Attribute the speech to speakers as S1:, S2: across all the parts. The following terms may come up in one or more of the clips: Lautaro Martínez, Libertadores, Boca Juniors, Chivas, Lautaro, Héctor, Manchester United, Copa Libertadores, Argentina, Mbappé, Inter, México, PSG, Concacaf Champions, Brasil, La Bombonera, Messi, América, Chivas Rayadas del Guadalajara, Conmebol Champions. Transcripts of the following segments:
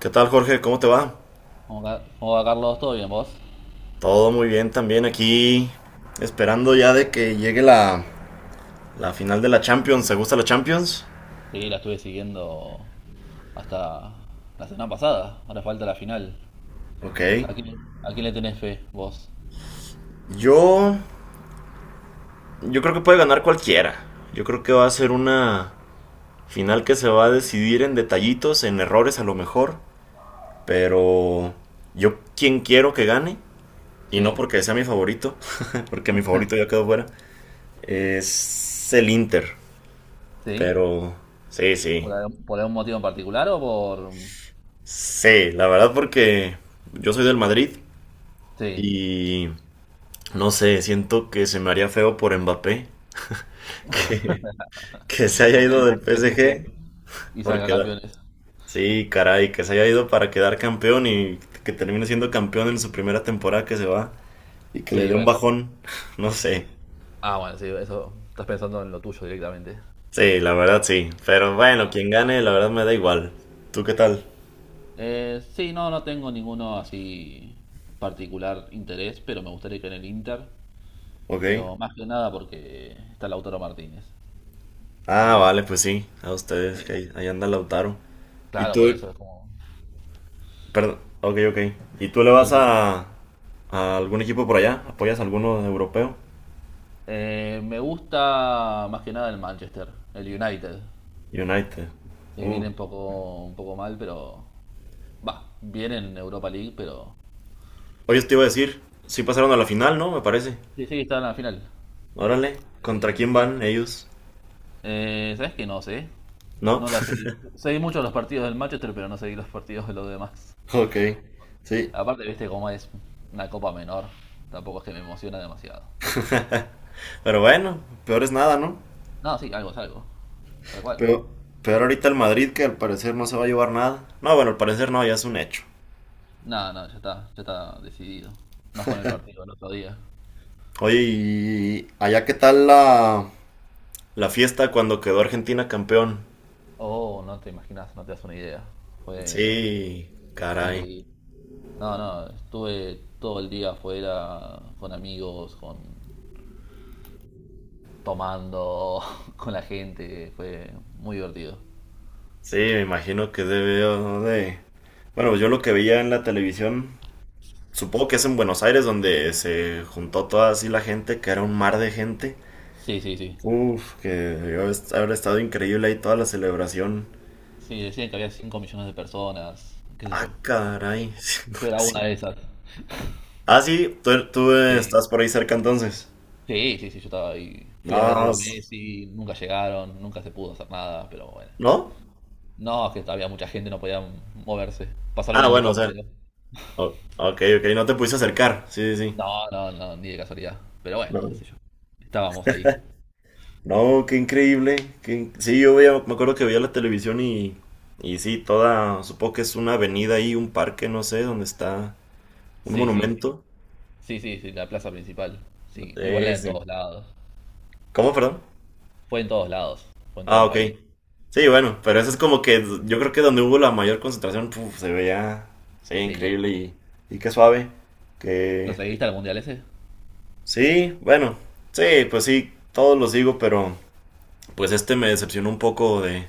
S1: ¿Qué tal, Jorge? ¿Cómo te va?
S2: ¿Cómo, va Carlos? ¿Todo bien vos?
S1: Todo muy bien también aquí. Esperando ya de que llegue la final de la Champions. ¿Te gusta la Champions?
S2: Sí, la estuve siguiendo hasta la semana pasada. Ahora falta la final.
S1: Ok.
S2: ¿A quién le tenés fe vos?
S1: Yo. Yo creo que puede ganar cualquiera. Yo creo que va a ser una final que se va a decidir en detallitos, en errores a lo mejor. Pero. Yo quien quiero que gane. Y no
S2: Sí,
S1: porque sea mi favorito. Porque mi favorito ya quedó fuera. Es el Inter.
S2: sí.
S1: Pero. Sí,
S2: ¿Por
S1: sí.
S2: algún motivo en particular o por...?
S1: Sí, la verdad porque yo soy del Madrid
S2: Sí,
S1: y no sé, siento que se me haría feo por Mbappé que, que se
S2: que
S1: haya
S2: en
S1: ido
S2: el
S1: del
S2: PSG
S1: PSG
S2: y
S1: por
S2: salga
S1: quedar.
S2: campeones.
S1: Sí, caray, que se haya ido para quedar campeón y que termine siendo campeón en su primera temporada que se va y que le
S2: Sí,
S1: dé un
S2: bueno.
S1: bajón, no sé.
S2: Ah, bueno, sí, eso estás pensando en lo tuyo directamente.
S1: Sí, la verdad sí, pero bueno,
S2: Ah.
S1: quien gane, la verdad me da igual. ¿Tú qué tal?
S2: Sí, no, no tengo ninguno así particular interés, pero me gustaría que en el Inter.
S1: ¿Ok?
S2: Pero más que nada porque está Lautaro Martínez.
S1: Ah,
S2: Y
S1: vale, pues sí, a ustedes, que
S2: sí,
S1: ahí anda Lautaro. ¿Y
S2: claro,
S1: tú?
S2: por eso es como.
S1: Perdón, ok, ok. ¿Y tú le
S2: Sí,
S1: vas
S2: sí.
S1: a algún equipo por allá? ¿Apoyas a alguno europeo?
S2: Me gusta más que nada el Manchester, el United.
S1: United.
S2: Sí,
S1: Uh.
S2: viene un poco mal, pero. Va, viene en Europa League, pero.
S1: Oye, te iba a decir, sí pasaron a la final, ¿no? Me parece.
S2: Sí, sí, está en la final.
S1: Órale, ¿contra quién
S2: Sí.
S1: van ellos?
S2: ¿Sabes qué? No sé.
S1: ¿No?
S2: No la seguí. Seguí mucho los partidos del Manchester, pero no seguí los partidos de los demás.
S1: Ok, sí.
S2: Aparte, viste cómo es una copa menor. Tampoco es que me emociona demasiado.
S1: Pero bueno, peor es nada, ¿no?
S2: No, sí, algo es algo. Tal cual.
S1: Pero, peor ahorita el Madrid, que al parecer no se va a llevar nada. No, bueno, al parecer no, ya es un hecho.
S2: No, no, ya está decidido. Más con el partido del otro día.
S1: Oye, ¿y allá qué tal la...? La fiesta cuando quedó Argentina campeón.
S2: Oh, no te imaginas, no te das una idea. Fue,
S1: Sí,
S2: fue
S1: caray.
S2: increíble. No, no, estuve todo el día afuera con amigos, con tomando, con la gente. Fue muy divertido.
S1: Sí, me imagino que debió de... Bueno, pues yo lo que veía en la televisión, supongo que es en Buenos Aires donde se juntó toda así la gente, que era un mar de gente.
S2: Sí, sí, sí.
S1: Uf, que debió haber estado increíble ahí toda la celebración.
S2: Sí, decían que había cinco millones de personas, qué sé yo.
S1: Ah,
S2: Yo,
S1: caray.
S2: yo era una
S1: Sí.
S2: de esas.
S1: Ah, sí, tú,
S2: Sí.
S1: estás por ahí cerca entonces.
S2: Sí, sí, sí, yo estaba ahí. Fui
S1: No,
S2: a verlo a Messi, nunca llegaron, nunca se pudo hacer nada, pero bueno.
S1: ¿no?
S2: No, es que había mucha gente, no podía moverse. Pasaron
S1: Ah,
S2: en
S1: bueno, o sea.
S2: helicóptero.
S1: Ok, ok, no te pudiste acercar. Sí, sí, sí.
S2: No, no, no, ni de casualidad. Pero bueno, qué
S1: No.
S2: sé yo. Estábamos ahí.
S1: No, qué increíble. Qué Sí, yo veía, me acuerdo que veía la televisión y sí, toda, supongo que es una avenida ahí, un parque, no sé, donde está un
S2: Sí, sí, sí.
S1: monumento.
S2: Sí, sí, sí, la plaza principal. Sí, igual era en
S1: Sí.
S2: todos lados.
S1: ¿Cómo, perdón?
S2: Fue en todos lados. Fue en todo
S1: Ah,
S2: el
S1: ok.
S2: país.
S1: Sí, bueno, pero eso es como que yo creo que donde hubo la mayor concentración, puf, se sí,
S2: Sí.
S1: increíble y qué suave.
S2: ¿Lo
S1: Que
S2: seguiste al mundial ese?
S1: Sí, bueno, sí, pues sí, todos los digo, pero pues este me decepcionó un poco de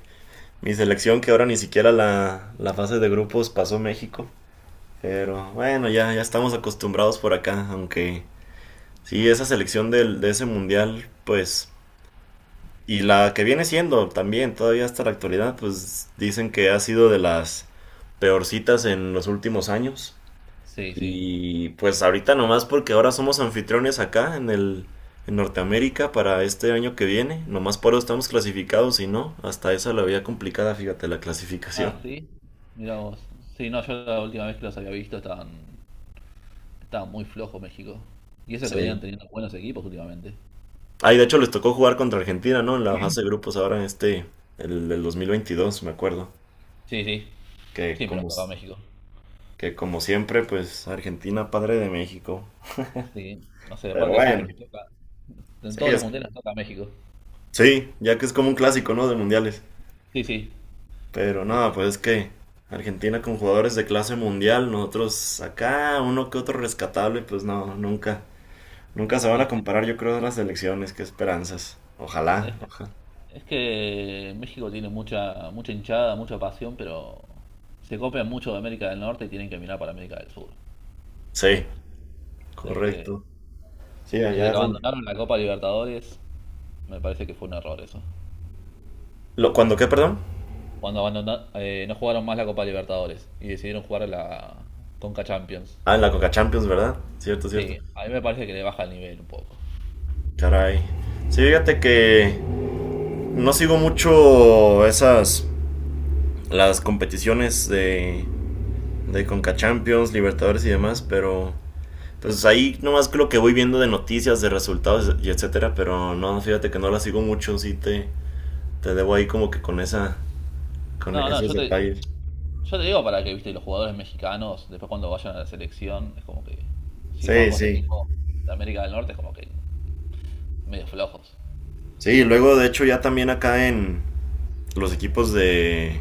S1: mi selección que ahora ni siquiera la fase de grupos pasó México. Pero bueno, ya estamos acostumbrados por acá, aunque sí, esa selección de ese mundial, pues, y la que viene siendo también, todavía hasta la actualidad, pues dicen que ha sido de las peorcitas en los últimos años.
S2: Sí, sí.
S1: Y pues ahorita nomás porque ahora somos anfitriones acá en el en Norteamérica para este año que viene, nomás por eso estamos clasificados y no, hasta esa la veía complicada, fíjate, la clasificación.
S2: Ah, sí. Mirá vos. Sí, no, yo la última vez que los había visto estaban muy flojos México. Y eso que venían
S1: Sí.
S2: teniendo buenos equipos últimamente.
S1: Ay, de hecho les tocó jugar contra Argentina, ¿no? En la fase de grupos ahora en el del 2022, me acuerdo.
S2: Sí, sí.
S1: Que
S2: Siempre nos
S1: como,
S2: toca
S1: s-
S2: México.
S1: que como siempre, pues Argentina, padre de México.
S2: Sí. No sé,
S1: Pero
S2: aparte
S1: bueno,
S2: siempre nos toca. En
S1: sí,
S2: todos los mundiales toca México.
S1: sí, ya que es como un clásico, ¿no? De mundiales.
S2: Sí, sí.
S1: Pero
S2: Eh,
S1: nada, pues es que Argentina con jugadores de clase mundial, nosotros acá, uno que otro rescatable, pues no, nunca. Nunca se van a
S2: Es,
S1: comparar, yo creo, a las selecciones, qué esperanzas. Ojalá.
S2: es- es que México tiene mucha, mucha hinchada, mucha pasión, pero se copian mucho de América del Norte y tienen que mirar para América del Sur.
S1: Sí,
S2: Es que
S1: correcto. Sí,
S2: desde
S1: allá
S2: que
S1: es donde...
S2: abandonaron la Copa Libertadores, me parece que fue un error eso.
S1: Lo, ¿cuándo qué, perdón?
S2: Cuando abandonaron, no jugaron más la Copa Libertadores y decidieron jugar la Conca Champions.
S1: Ah, en la Coca Champions, ¿verdad? Cierto, cierto.
S2: Sí, a mí me parece que le baja el nivel un poco.
S1: Caray. Sí, fíjate que no sigo mucho las competiciones de Conca Champions, Libertadores y demás, pero pues ahí nomás que lo que voy viendo de noticias, de resultados y etcétera, pero no, fíjate que no las sigo mucho, sí te debo ahí como que con con
S2: No, no,
S1: esos
S2: yo te,
S1: detalles.
S2: Yo te digo para que, viste, los jugadores mexicanos, después cuando vayan a la selección, es como que si juegan
S1: Sí,
S2: contra
S1: sí.
S2: equipos de América del Norte, es como que medio flojos.
S1: Sí, luego de hecho ya también acá en los equipos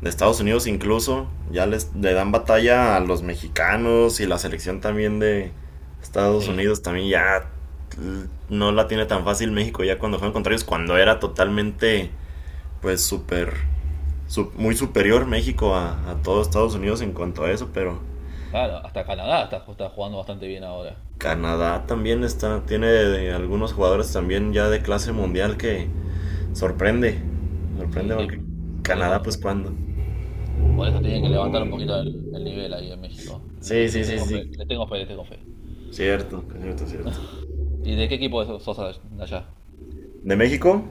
S1: de Estados Unidos incluso, ya le dan batalla a los mexicanos y la selección también de Estados
S2: Sí.
S1: Unidos también ya no la tiene tan fácil México ya cuando juegan contra ellos, cuando era totalmente pues muy superior México a todo Estados Unidos en cuanto a eso, pero
S2: Claro, hasta Canadá está, está jugando bastante bien ahora.
S1: Canadá también está, tiene de algunos jugadores también ya de clase mundial que sorprende,
S2: Sí,
S1: sorprende porque
S2: sí, por
S1: Canadá pues
S2: eso,
S1: cuando.
S2: por eso tienen que levantar un poquito el nivel ahí en México.
S1: Sí,
S2: Les,
S1: sí,
S2: les
S1: sí,
S2: tengo fe,
S1: sí,
S2: les tengo fe, les tengo fe.
S1: cierto, cierto, cierto.
S2: ¿Y de qué equipo sos de allá?
S1: ¿De México?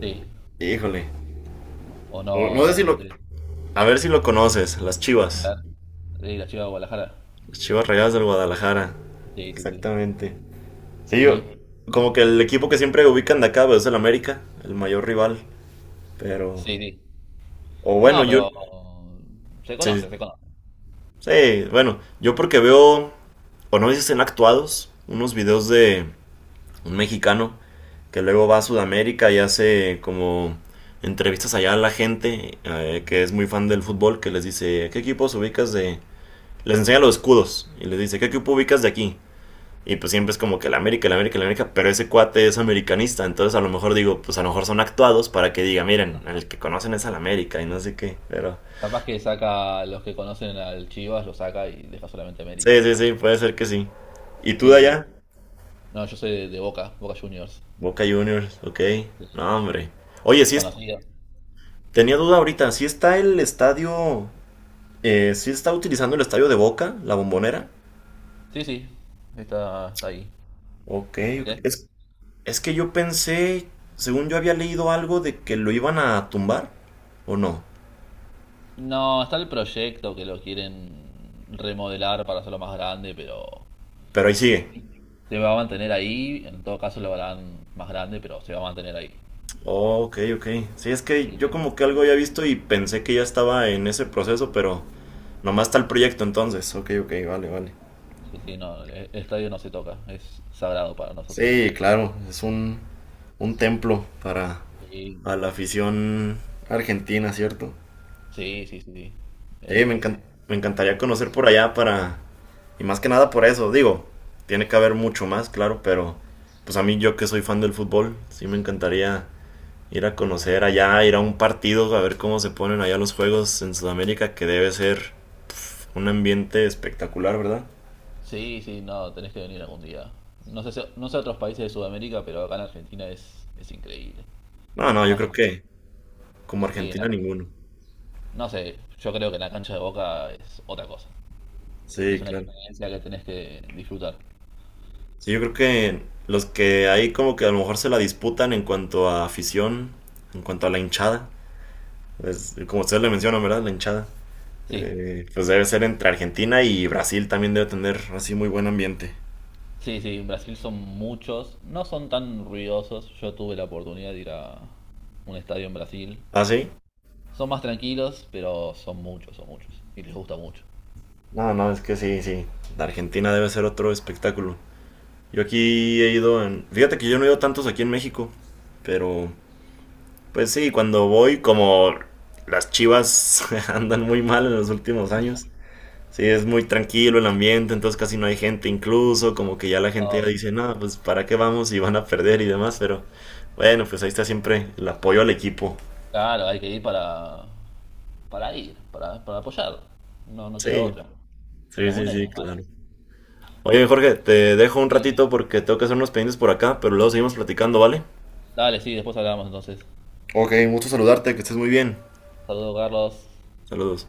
S2: Sí,
S1: Híjole.
S2: o
S1: No,
S2: no,
S1: no sé
S2: no
S1: si
S2: te
S1: lo.
S2: interesa.
S1: A ver si lo conoces, las
S2: A
S1: Chivas.
S2: ver, de la Chiva de Guadalajara.
S1: Las Chivas Rayadas del Guadalajara.
S2: Sí, sí, sí.
S1: Exactamente. Sí, yo.
S2: ¿Y?
S1: Como que el equipo que siempre ubican de acá pues, es el América, el mayor rival. Pero.
S2: Sí, sí.
S1: O bueno,
S2: No,
S1: yo.
S2: pero se
S1: Sí,
S2: conoce, se conoce.
S1: sí, bueno. Yo porque veo. O no sé si estén actuados. Unos videos de un mexicano que luego va a Sudamérica y hace como entrevistas allá a la gente que es muy fan del fútbol, que les dice, ¿qué equipos les enseña los escudos y les dice, ¿qué equipo ubicas de aquí? Y pues siempre es como que la América, la América, la América, pero ese cuate es americanista, entonces a lo mejor digo, pues a lo mejor son actuados para que diga, miren, el que conocen es al América y no sé qué, pero
S2: Capaz que saca los que conocen al Chivas, lo saca y deja solamente
S1: sí,
S2: América.
S1: sí, sí, puede ser que sí. ¿Y tú de
S2: Sí,
S1: allá?
S2: no, yo soy de Boca, Boca Juniors.
S1: Boca Juniors, ok,
S2: Sí.
S1: no hombre. Oye, sí es,
S2: Conocido.
S1: tenía duda ahorita, ¿sí está el sí está utilizando el estadio de Boca, la bombonera?
S2: Sí, sí, está, está ahí.
S1: Ok,
S2: ¿Por
S1: ok.
S2: qué?
S1: Es que yo pensé, según yo había leído algo de que lo iban a tumbar, ¿o no?
S2: No, está el proyecto que lo quieren remodelar para hacerlo más grande, pero
S1: Pero ahí sigue.
S2: sí, se va a mantener ahí. En todo caso lo harán más grande, pero se va a mantener ahí.
S1: Oh, ok, ok. Sí, es que
S2: Sí,
S1: yo
S2: sí.
S1: como que algo había visto y pensé que ya estaba en ese proceso, pero nomás está el proyecto entonces. Ok, ok, vale, vale.
S2: Sí, sí, no, el estadio no se toca, es sagrado para nosotros.
S1: Sí, claro, es un templo para
S2: Sí,
S1: a la afición argentina, ¿cierto?
S2: sí, sí, sí. Sí.
S1: Sí,
S2: Eh,
S1: me encantaría conocer por allá para. Y más que nada por eso, digo, tiene que haber mucho más, claro, pero pues a mí yo que soy fan del fútbol, sí me encantaría ir a conocer allá, ir a un partido, a ver cómo se ponen allá los juegos en Sudamérica, que debe ser un ambiente espectacular, ¿verdad?
S2: Sí, sí, no, tenés que venir algún día. No sé, no sé otros países de Sudamérica, pero acá en Argentina es increíble.
S1: No, no, yo
S2: Más
S1: creo
S2: en,
S1: que como
S2: sí, en la,
S1: Argentina ninguno.
S2: No sé, yo creo que en la cancha de Boca es otra cosa. Es
S1: Sí,
S2: una
S1: claro.
S2: experiencia que tenés que disfrutar.
S1: Sí, yo creo que los que ahí como que a lo mejor se la disputan en cuanto a afición, en cuanto a la hinchada, pues, como ustedes le mencionan, ¿verdad? La hinchada.
S2: Sí,
S1: Pues debe ser entre Argentina y Brasil también debe tener así muy buen ambiente.
S2: sí, sí, en Brasil son muchos, no son tan ruidosos. Yo tuve la oportunidad de ir a un estadio en Brasil.
S1: ¿Ah, sí?
S2: Son más tranquilos, pero son muchos, son muchos. Y les gusta mucho.
S1: No, no, es que sí, sí. La Argentina debe ser otro espectáculo. Yo aquí he ido en... Fíjate que yo no he ido tantos aquí en México, pero pues sí, cuando voy como las chivas andan muy mal en los últimos años. Sí, es muy tranquilo el ambiente, entonces casi no hay gente, incluso como que ya la gente ya
S2: Ah,
S1: dice, no, pues para qué vamos y van a perder y demás, pero bueno, pues ahí está siempre el apoyo al equipo.
S2: claro, hay que ir, para apoyar. No, no queda
S1: Sí,
S2: otra. En
S1: sí,
S2: las
S1: sí,
S2: buenas y en
S1: sí,
S2: las
S1: claro.
S2: malas.
S1: Oye, Jorge, te dejo un
S2: Sí.
S1: ratito porque tengo que hacer unos pendientes por acá, pero luego seguimos platicando, ¿vale?
S2: Dale, sí, después hablamos entonces.
S1: Ok, mucho saludarte, que estés muy bien.
S2: Saludos, Carlos.
S1: Saludos.